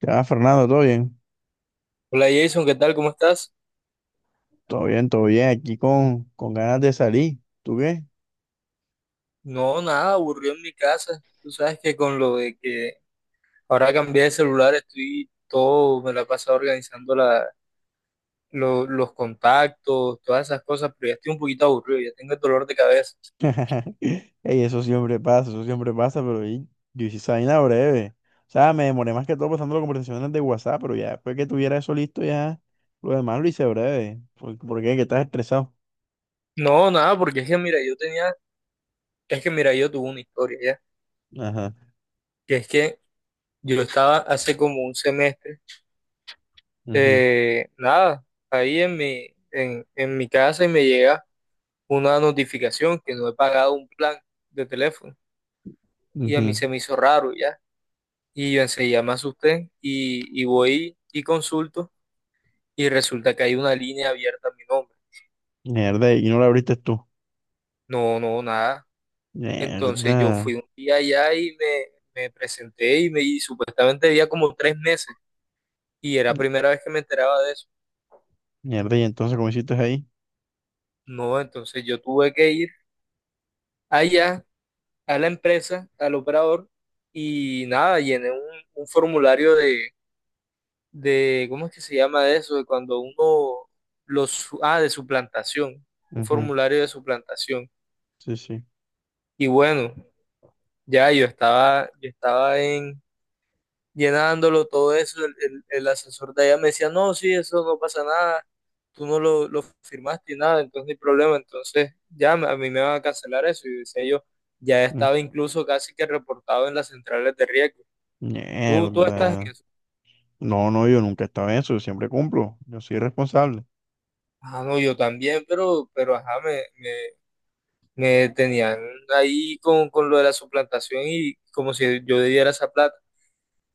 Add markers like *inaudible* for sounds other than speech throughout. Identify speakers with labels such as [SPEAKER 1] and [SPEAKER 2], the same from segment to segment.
[SPEAKER 1] Ya, Fernando, ¿todo bien?
[SPEAKER 2] Hola Jason, ¿qué tal? ¿Cómo estás?
[SPEAKER 1] Todo bien, todo bien. Aquí con ganas de salir. ¿Tú qué?
[SPEAKER 2] No, nada, aburrido en mi casa. Tú sabes que con lo de que ahora cambié de celular estoy todo, me la he pasado organizando los contactos, todas esas cosas, pero ya estoy un poquito aburrido, ya tengo el dolor de cabeza.
[SPEAKER 1] *laughs* Ey, eso siempre pasa, yo hice esa vaina breve. O sea, me demoré más que todo pasando las conversaciones de WhatsApp, pero ya después que tuviera eso listo, ya lo demás lo hice breve. ¿Por qué? ¿Que estás estresado?
[SPEAKER 2] No, nada, porque es que mira, yo tuve una historia ya,
[SPEAKER 1] Ajá.
[SPEAKER 2] que es que yo estaba hace como un semestre,
[SPEAKER 1] Ujú,
[SPEAKER 2] nada, ahí en mi casa y me llega una notificación que no he pagado un plan de teléfono. Y a mí
[SPEAKER 1] ujú.
[SPEAKER 2] se me hizo raro ya. Y yo enseguida me asusté y voy y consulto, y resulta que hay una línea abierta a mi nombre.
[SPEAKER 1] Mierda, ¿y no lo abriste tú?
[SPEAKER 2] No, no, nada. Entonces
[SPEAKER 1] Mierda.
[SPEAKER 2] yo fui un día allá y me presenté y supuestamente había como 3 meses y era la primera vez que me enteraba de eso.
[SPEAKER 1] Mierda, y entonces, ¿cómo hiciste ahí?
[SPEAKER 2] No, entonces yo tuve que ir allá a la empresa, al operador y nada, llené un formulario ¿cómo es que se llama eso? De cuando uno de suplantación, un
[SPEAKER 1] Ujú.
[SPEAKER 2] formulario de suplantación.
[SPEAKER 1] Sí, sí.
[SPEAKER 2] Y bueno, ya llenándolo todo eso, el asesor de allá me decía, no, sí, eso no pasa nada, tú no lo firmaste y nada, entonces no hay problema, entonces a mí me van a cancelar eso. Y decía yo, ya
[SPEAKER 1] Mm.
[SPEAKER 2] estaba incluso casi que reportado en las centrales de riesgo. Tú estás en
[SPEAKER 1] Mierda.
[SPEAKER 2] eso.
[SPEAKER 1] No, no, yo nunca estaba en eso, yo siempre cumplo, yo soy responsable.
[SPEAKER 2] Ah, no, yo también, pero ajá, me tenían ahí con lo de la suplantación y como si yo debiera esa plata.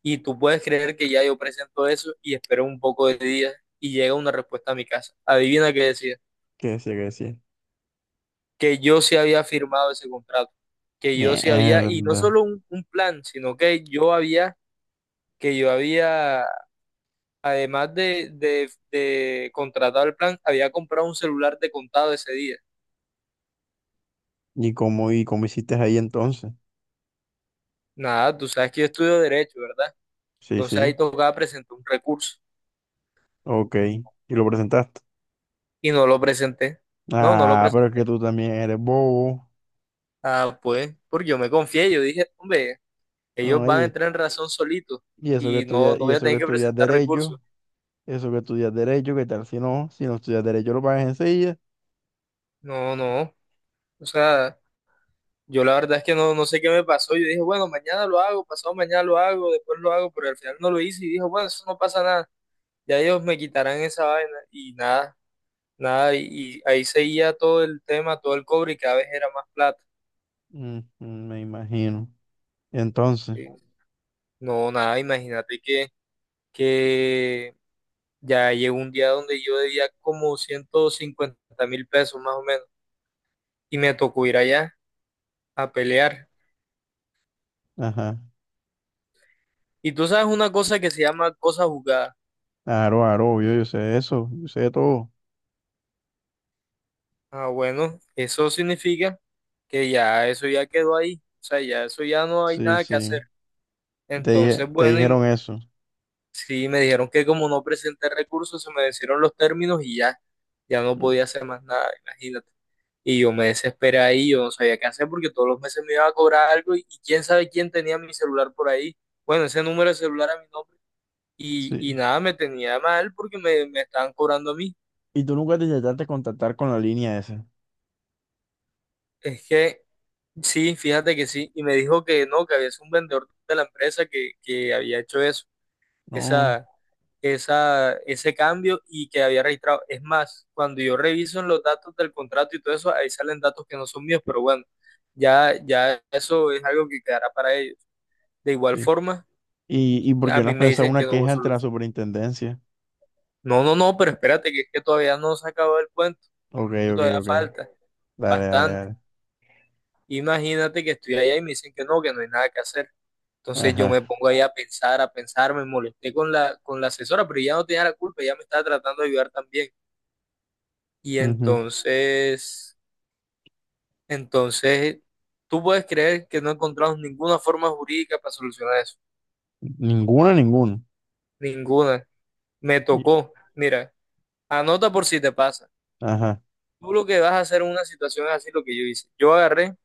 [SPEAKER 2] Y tú puedes creer que ya yo presento eso y espero un poco de días y llega una respuesta a mi casa. Adivina qué decía,
[SPEAKER 1] ¿Qué decía, qué decía?
[SPEAKER 2] que yo sí había firmado ese contrato, que yo sí había, y no
[SPEAKER 1] Mierda.
[SPEAKER 2] solo un plan, sino que yo había, además de contratar el plan, había comprado un celular de contado ese día.
[SPEAKER 1] ¿Y cómo hiciste ahí entonces?
[SPEAKER 2] Nada, tú sabes que yo estudio derecho, ¿verdad?
[SPEAKER 1] Sí,
[SPEAKER 2] Entonces ahí
[SPEAKER 1] sí.
[SPEAKER 2] tocaba presentar un recurso.
[SPEAKER 1] Ok. ¿Y lo presentaste?
[SPEAKER 2] Y no lo presenté. No, no lo
[SPEAKER 1] Ah, pero es que
[SPEAKER 2] presenté.
[SPEAKER 1] tú también eres bobo.
[SPEAKER 2] Ah, pues, porque yo me confié, yo dije, hombre, ellos van a
[SPEAKER 1] Oye,
[SPEAKER 2] entrar en razón solitos
[SPEAKER 1] y eso que
[SPEAKER 2] y no,
[SPEAKER 1] estudias,
[SPEAKER 2] no
[SPEAKER 1] y
[SPEAKER 2] voy a
[SPEAKER 1] eso que
[SPEAKER 2] tener que
[SPEAKER 1] estudias
[SPEAKER 2] presentar recursos.
[SPEAKER 1] derecho, eso que estudias derecho, ¿qué tal si no? Si no estudias derecho lo pagas enseguida.
[SPEAKER 2] No, no. O sea, yo la verdad es que no, no sé qué me pasó. Yo dije, bueno, mañana lo hago, pasado mañana lo hago, después lo hago, pero al final no lo hice y dije, bueno, eso no pasa nada. Ya ellos me quitarán esa vaina y nada, nada. Y ahí seguía todo el tema, todo el cobre y cada vez era más plata.
[SPEAKER 1] Mm, mm, me imagino. Entonces,
[SPEAKER 2] Eh, No, nada, imagínate que ya llegó un día donde yo debía como 150.000 pesos más o menos y me tocó ir allá a pelear.
[SPEAKER 1] ajá.
[SPEAKER 2] Y tú sabes una cosa que se llama cosa jugada.
[SPEAKER 1] Aro, aro, obvio, yo sé eso, yo sé todo.
[SPEAKER 2] Ah, bueno, eso significa que ya eso ya quedó ahí. O sea, ya eso ya no hay
[SPEAKER 1] Sí,
[SPEAKER 2] nada que
[SPEAKER 1] sí.
[SPEAKER 2] hacer.
[SPEAKER 1] Te
[SPEAKER 2] Entonces,
[SPEAKER 1] dije, te
[SPEAKER 2] bueno,
[SPEAKER 1] dijeron eso.
[SPEAKER 2] sí, me dijeron que como no presenté recursos, se me vencieron los términos y ya, ya no podía hacer más nada, imagínate. Y yo me desesperé ahí, yo no sabía qué hacer porque todos los meses me iba a cobrar algo y quién sabe quién tenía mi celular por ahí. Bueno, ese número de celular a mi nombre. Y
[SPEAKER 1] Sí.
[SPEAKER 2] nada, me tenía mal porque me estaban cobrando a mí.
[SPEAKER 1] Y tú nunca te intentaste contactar con la línea esa.
[SPEAKER 2] Es que sí, fíjate que sí. Y me dijo que no, que había sido un vendedor de la empresa que había hecho eso.
[SPEAKER 1] No,
[SPEAKER 2] esa, ese cambio y que había registrado. Es más, cuando yo reviso en los datos del contrato y todo eso, ahí salen datos que no son míos, pero bueno, ya, ya eso es algo que quedará para ellos. De igual
[SPEAKER 1] sí.
[SPEAKER 2] forma,
[SPEAKER 1] Y por
[SPEAKER 2] a
[SPEAKER 1] qué no
[SPEAKER 2] mí
[SPEAKER 1] has
[SPEAKER 2] me
[SPEAKER 1] pensado
[SPEAKER 2] dicen
[SPEAKER 1] una
[SPEAKER 2] que no hubo
[SPEAKER 1] queja ante la
[SPEAKER 2] solución.
[SPEAKER 1] superintendencia?
[SPEAKER 2] No, no, no, pero espérate, que es que todavía no se acabó el cuento,
[SPEAKER 1] Ok, ok,
[SPEAKER 2] todavía
[SPEAKER 1] ok.
[SPEAKER 2] falta
[SPEAKER 1] Dale, dale,
[SPEAKER 2] bastante.
[SPEAKER 1] dale.
[SPEAKER 2] Imagínate que estoy allá y me dicen que no hay nada que hacer. Entonces yo me
[SPEAKER 1] Ajá.
[SPEAKER 2] pongo ahí a pensar, me molesté con la asesora, pero ya no tenía la culpa, ella me estaba tratando de ayudar también. Y
[SPEAKER 1] Ujú.
[SPEAKER 2] entonces, entonces, tú puedes creer que no encontramos ninguna forma jurídica para solucionar eso.
[SPEAKER 1] Ninguna, ninguna.
[SPEAKER 2] Ninguna. Me
[SPEAKER 1] Y-
[SPEAKER 2] tocó. Mira, anota por si te pasa.
[SPEAKER 1] ajá.
[SPEAKER 2] Tú lo que vas a hacer en una situación es así lo que yo hice. Yo agarré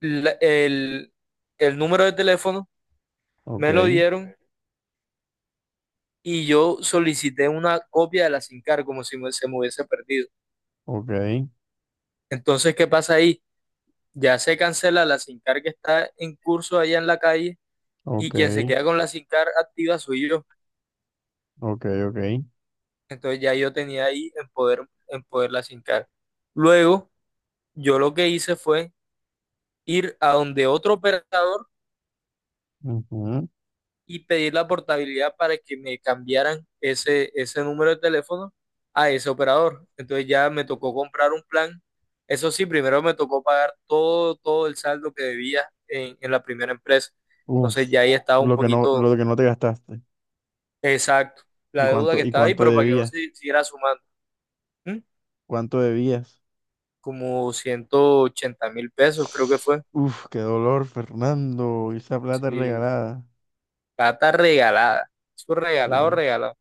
[SPEAKER 2] la- el, el número de teléfono,
[SPEAKER 1] Ok,
[SPEAKER 2] me lo dieron y yo solicité una copia de la SINCAR como si se me hubiese perdido.
[SPEAKER 1] ok,
[SPEAKER 2] Entonces, ¿qué pasa ahí? Ya se cancela la SINCAR que está en curso allá en la calle, y
[SPEAKER 1] ok,
[SPEAKER 2] quien se queda con la SINCAR activa soy yo.
[SPEAKER 1] ok, ok.
[SPEAKER 2] Entonces ya yo tenía ahí en poder la SINCAR. Luego, yo lo que hice fue ir a donde otro operador
[SPEAKER 1] Ujú.
[SPEAKER 2] y pedir la portabilidad para que me cambiaran ese número de teléfono a ese operador. Entonces ya me tocó comprar un plan. Eso sí, primero me tocó pagar todo, todo el saldo que debía en la primera empresa.
[SPEAKER 1] Uf.
[SPEAKER 2] Entonces ya ahí estaba un poquito
[SPEAKER 1] Lo que no te gastaste.
[SPEAKER 2] exacto
[SPEAKER 1] ¿Y
[SPEAKER 2] la deuda que
[SPEAKER 1] cuánto, y
[SPEAKER 2] estaba ahí,
[SPEAKER 1] cuánto
[SPEAKER 2] pero para que no
[SPEAKER 1] debías?
[SPEAKER 2] se siguiera sumando. ¿Mm?
[SPEAKER 1] ¿Cuánto debías?
[SPEAKER 2] Como 180.000 pesos, creo que fue.
[SPEAKER 1] Uf, qué dolor, Fernando. Esa plata
[SPEAKER 2] Sí,
[SPEAKER 1] regalada.
[SPEAKER 2] plata regalada. Eso regalado,
[SPEAKER 1] Sí.
[SPEAKER 2] regalado.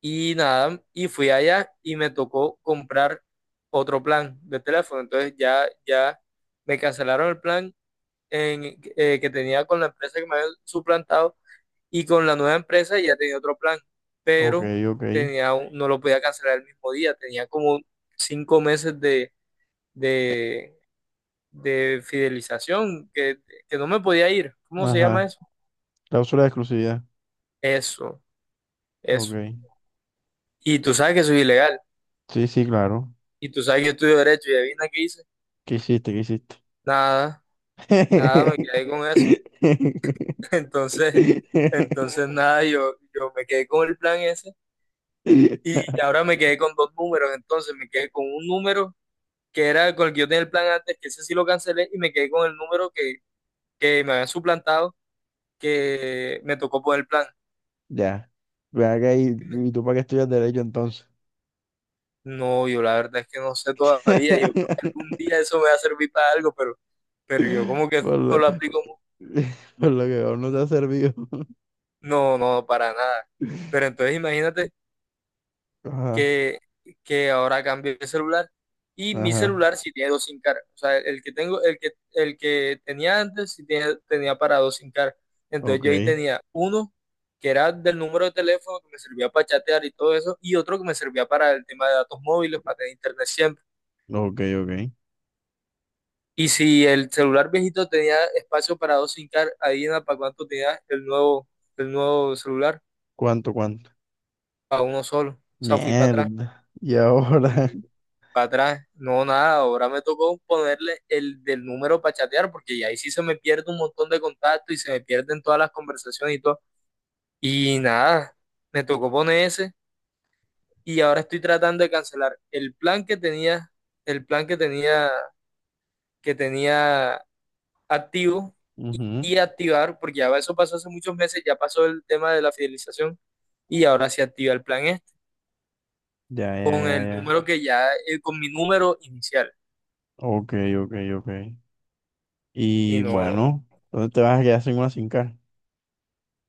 [SPEAKER 2] Y nada, y fui allá y me tocó comprar otro plan de teléfono. Entonces ya, ya me cancelaron el plan que tenía con la empresa que me había suplantado, y con la nueva empresa ya tenía otro plan,
[SPEAKER 1] Ok,
[SPEAKER 2] pero
[SPEAKER 1] ok.
[SPEAKER 2] no lo podía cancelar el mismo día. Tenía como 5 meses de de fidelización, que no me podía ir. ¿Cómo se llama
[SPEAKER 1] Ajá.
[SPEAKER 2] eso?
[SPEAKER 1] Cláusula de exclusividad.
[SPEAKER 2] Eso, eso.
[SPEAKER 1] Ok.
[SPEAKER 2] Y tú sabes que soy ilegal,
[SPEAKER 1] Sí, sí, claro.
[SPEAKER 2] y tú sabes que yo estudio derecho, y adivina qué hice.
[SPEAKER 1] ¿Qué hiciste? ¿Qué hiciste?
[SPEAKER 2] Nada, nada, me quedé con eso. *laughs*
[SPEAKER 1] *laughs*
[SPEAKER 2] Entonces, entonces nada, yo me quedé con el plan ese, y ahora me quedé con dos números, entonces me quedé con un número que era con el que yo tenía el plan antes, que ese sí lo cancelé, y me quedé con el número que me habían suplantado, que me tocó por el plan.
[SPEAKER 1] Ya. Ve acá y tú para qué estudias derecho entonces.
[SPEAKER 2] No, yo la verdad es que no sé todavía. Yo creo que algún
[SPEAKER 1] *laughs*
[SPEAKER 2] día eso me va a servir para algo, pero yo como que
[SPEAKER 1] Por
[SPEAKER 2] no
[SPEAKER 1] lo,
[SPEAKER 2] lo aplico.
[SPEAKER 1] *laughs* por lo que aún no te ha servido.
[SPEAKER 2] No, no, para nada. Pero
[SPEAKER 1] *laughs*
[SPEAKER 2] entonces imagínate
[SPEAKER 1] Ajá,
[SPEAKER 2] que, que ahora cambié de celular y mi
[SPEAKER 1] ajá.
[SPEAKER 2] celular sí tiene dos SIM cards. O sea, el que tengo, el que tenía antes sí tenía para dos SIM cards. Entonces
[SPEAKER 1] Ok,
[SPEAKER 2] yo ahí tenía uno que era del número de teléfono que me servía para chatear y todo eso, y otro que me servía para el tema de datos móviles, para tener internet.
[SPEAKER 1] ok, ok.
[SPEAKER 2] Y si el celular viejito tenía espacio para dos SIM card, ahí en la para cuánto tenía el nuevo celular,
[SPEAKER 1] ¿Cuánto, cuánto?
[SPEAKER 2] para uno solo. O sea, fui para atrás
[SPEAKER 1] Mierda. Y ahora.
[SPEAKER 2] y
[SPEAKER 1] *laughs*
[SPEAKER 2] para atrás, no, nada. Ahora me tocó ponerle el del número para chatear, porque ya ahí sí se me pierde un montón de contactos y se me pierden todas las conversaciones y todo. Y nada, me tocó poner ese y ahora estoy tratando de cancelar el plan que tenía activo y,
[SPEAKER 1] Ujú.
[SPEAKER 2] y activar, porque ya eso pasó hace muchos meses, ya pasó el tema de la fidelización y ahora se activa el plan este
[SPEAKER 1] Ya, ya,
[SPEAKER 2] con
[SPEAKER 1] ya,
[SPEAKER 2] el
[SPEAKER 1] ya.
[SPEAKER 2] número con mi número inicial.
[SPEAKER 1] Ok, ok, ok.
[SPEAKER 2] Y
[SPEAKER 1] Y
[SPEAKER 2] no
[SPEAKER 1] bueno, ¿dónde te vas a quedar sin una sin cara?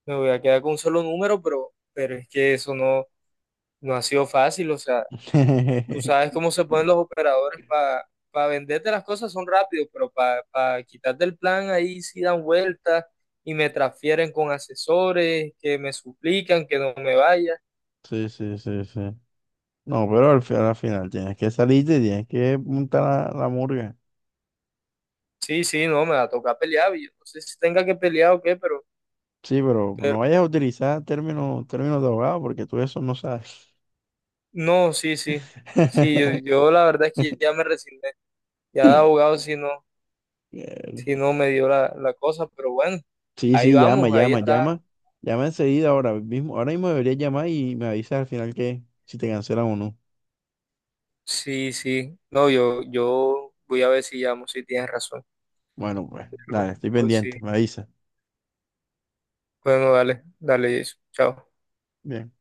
[SPEAKER 2] me voy a quedar con un solo número, pero es que eso no, no ha sido fácil. O sea, tú sabes
[SPEAKER 1] *laughs*
[SPEAKER 2] cómo se ponen los operadores para venderte las cosas, son rápidos, pero para quitarte el plan ahí sí dan vueltas y me transfieren con asesores que me suplican que no me vaya.
[SPEAKER 1] Sí, sí, sí, sí. No, pero al, al final tienes que salirte y tienes que montar la murga.
[SPEAKER 2] Sí, sí, no, me va a tocar pelear. Yo no sé si tenga que pelear o qué, pero,
[SPEAKER 1] Sí, pero
[SPEAKER 2] pero
[SPEAKER 1] no vayas a utilizar términos, términos de abogado porque tú eso no sabes.
[SPEAKER 2] no, sí, sí. Sí, yo,
[SPEAKER 1] *laughs*
[SPEAKER 2] yo la verdad es que ya me resigné. Ya de abogado si no, si
[SPEAKER 1] Eh,
[SPEAKER 2] no me dio la cosa, pero bueno,
[SPEAKER 1] Sí,
[SPEAKER 2] ahí
[SPEAKER 1] sí, llama,
[SPEAKER 2] vamos, ahí
[SPEAKER 1] llama,
[SPEAKER 2] está.
[SPEAKER 1] llama. Llama enseguida ahora mismo. Ahora mismo deberías llamar y me avisas al final que si te cancelan o no.
[SPEAKER 2] Sí, sí. No, yo voy a ver si llamo, si tienes razón.
[SPEAKER 1] Bueno, pues,
[SPEAKER 2] Pero,
[SPEAKER 1] dale, estoy
[SPEAKER 2] pues sí.
[SPEAKER 1] pendiente, me avisa.
[SPEAKER 2] Bueno, dale, dale eso. Chao.
[SPEAKER 1] Bien.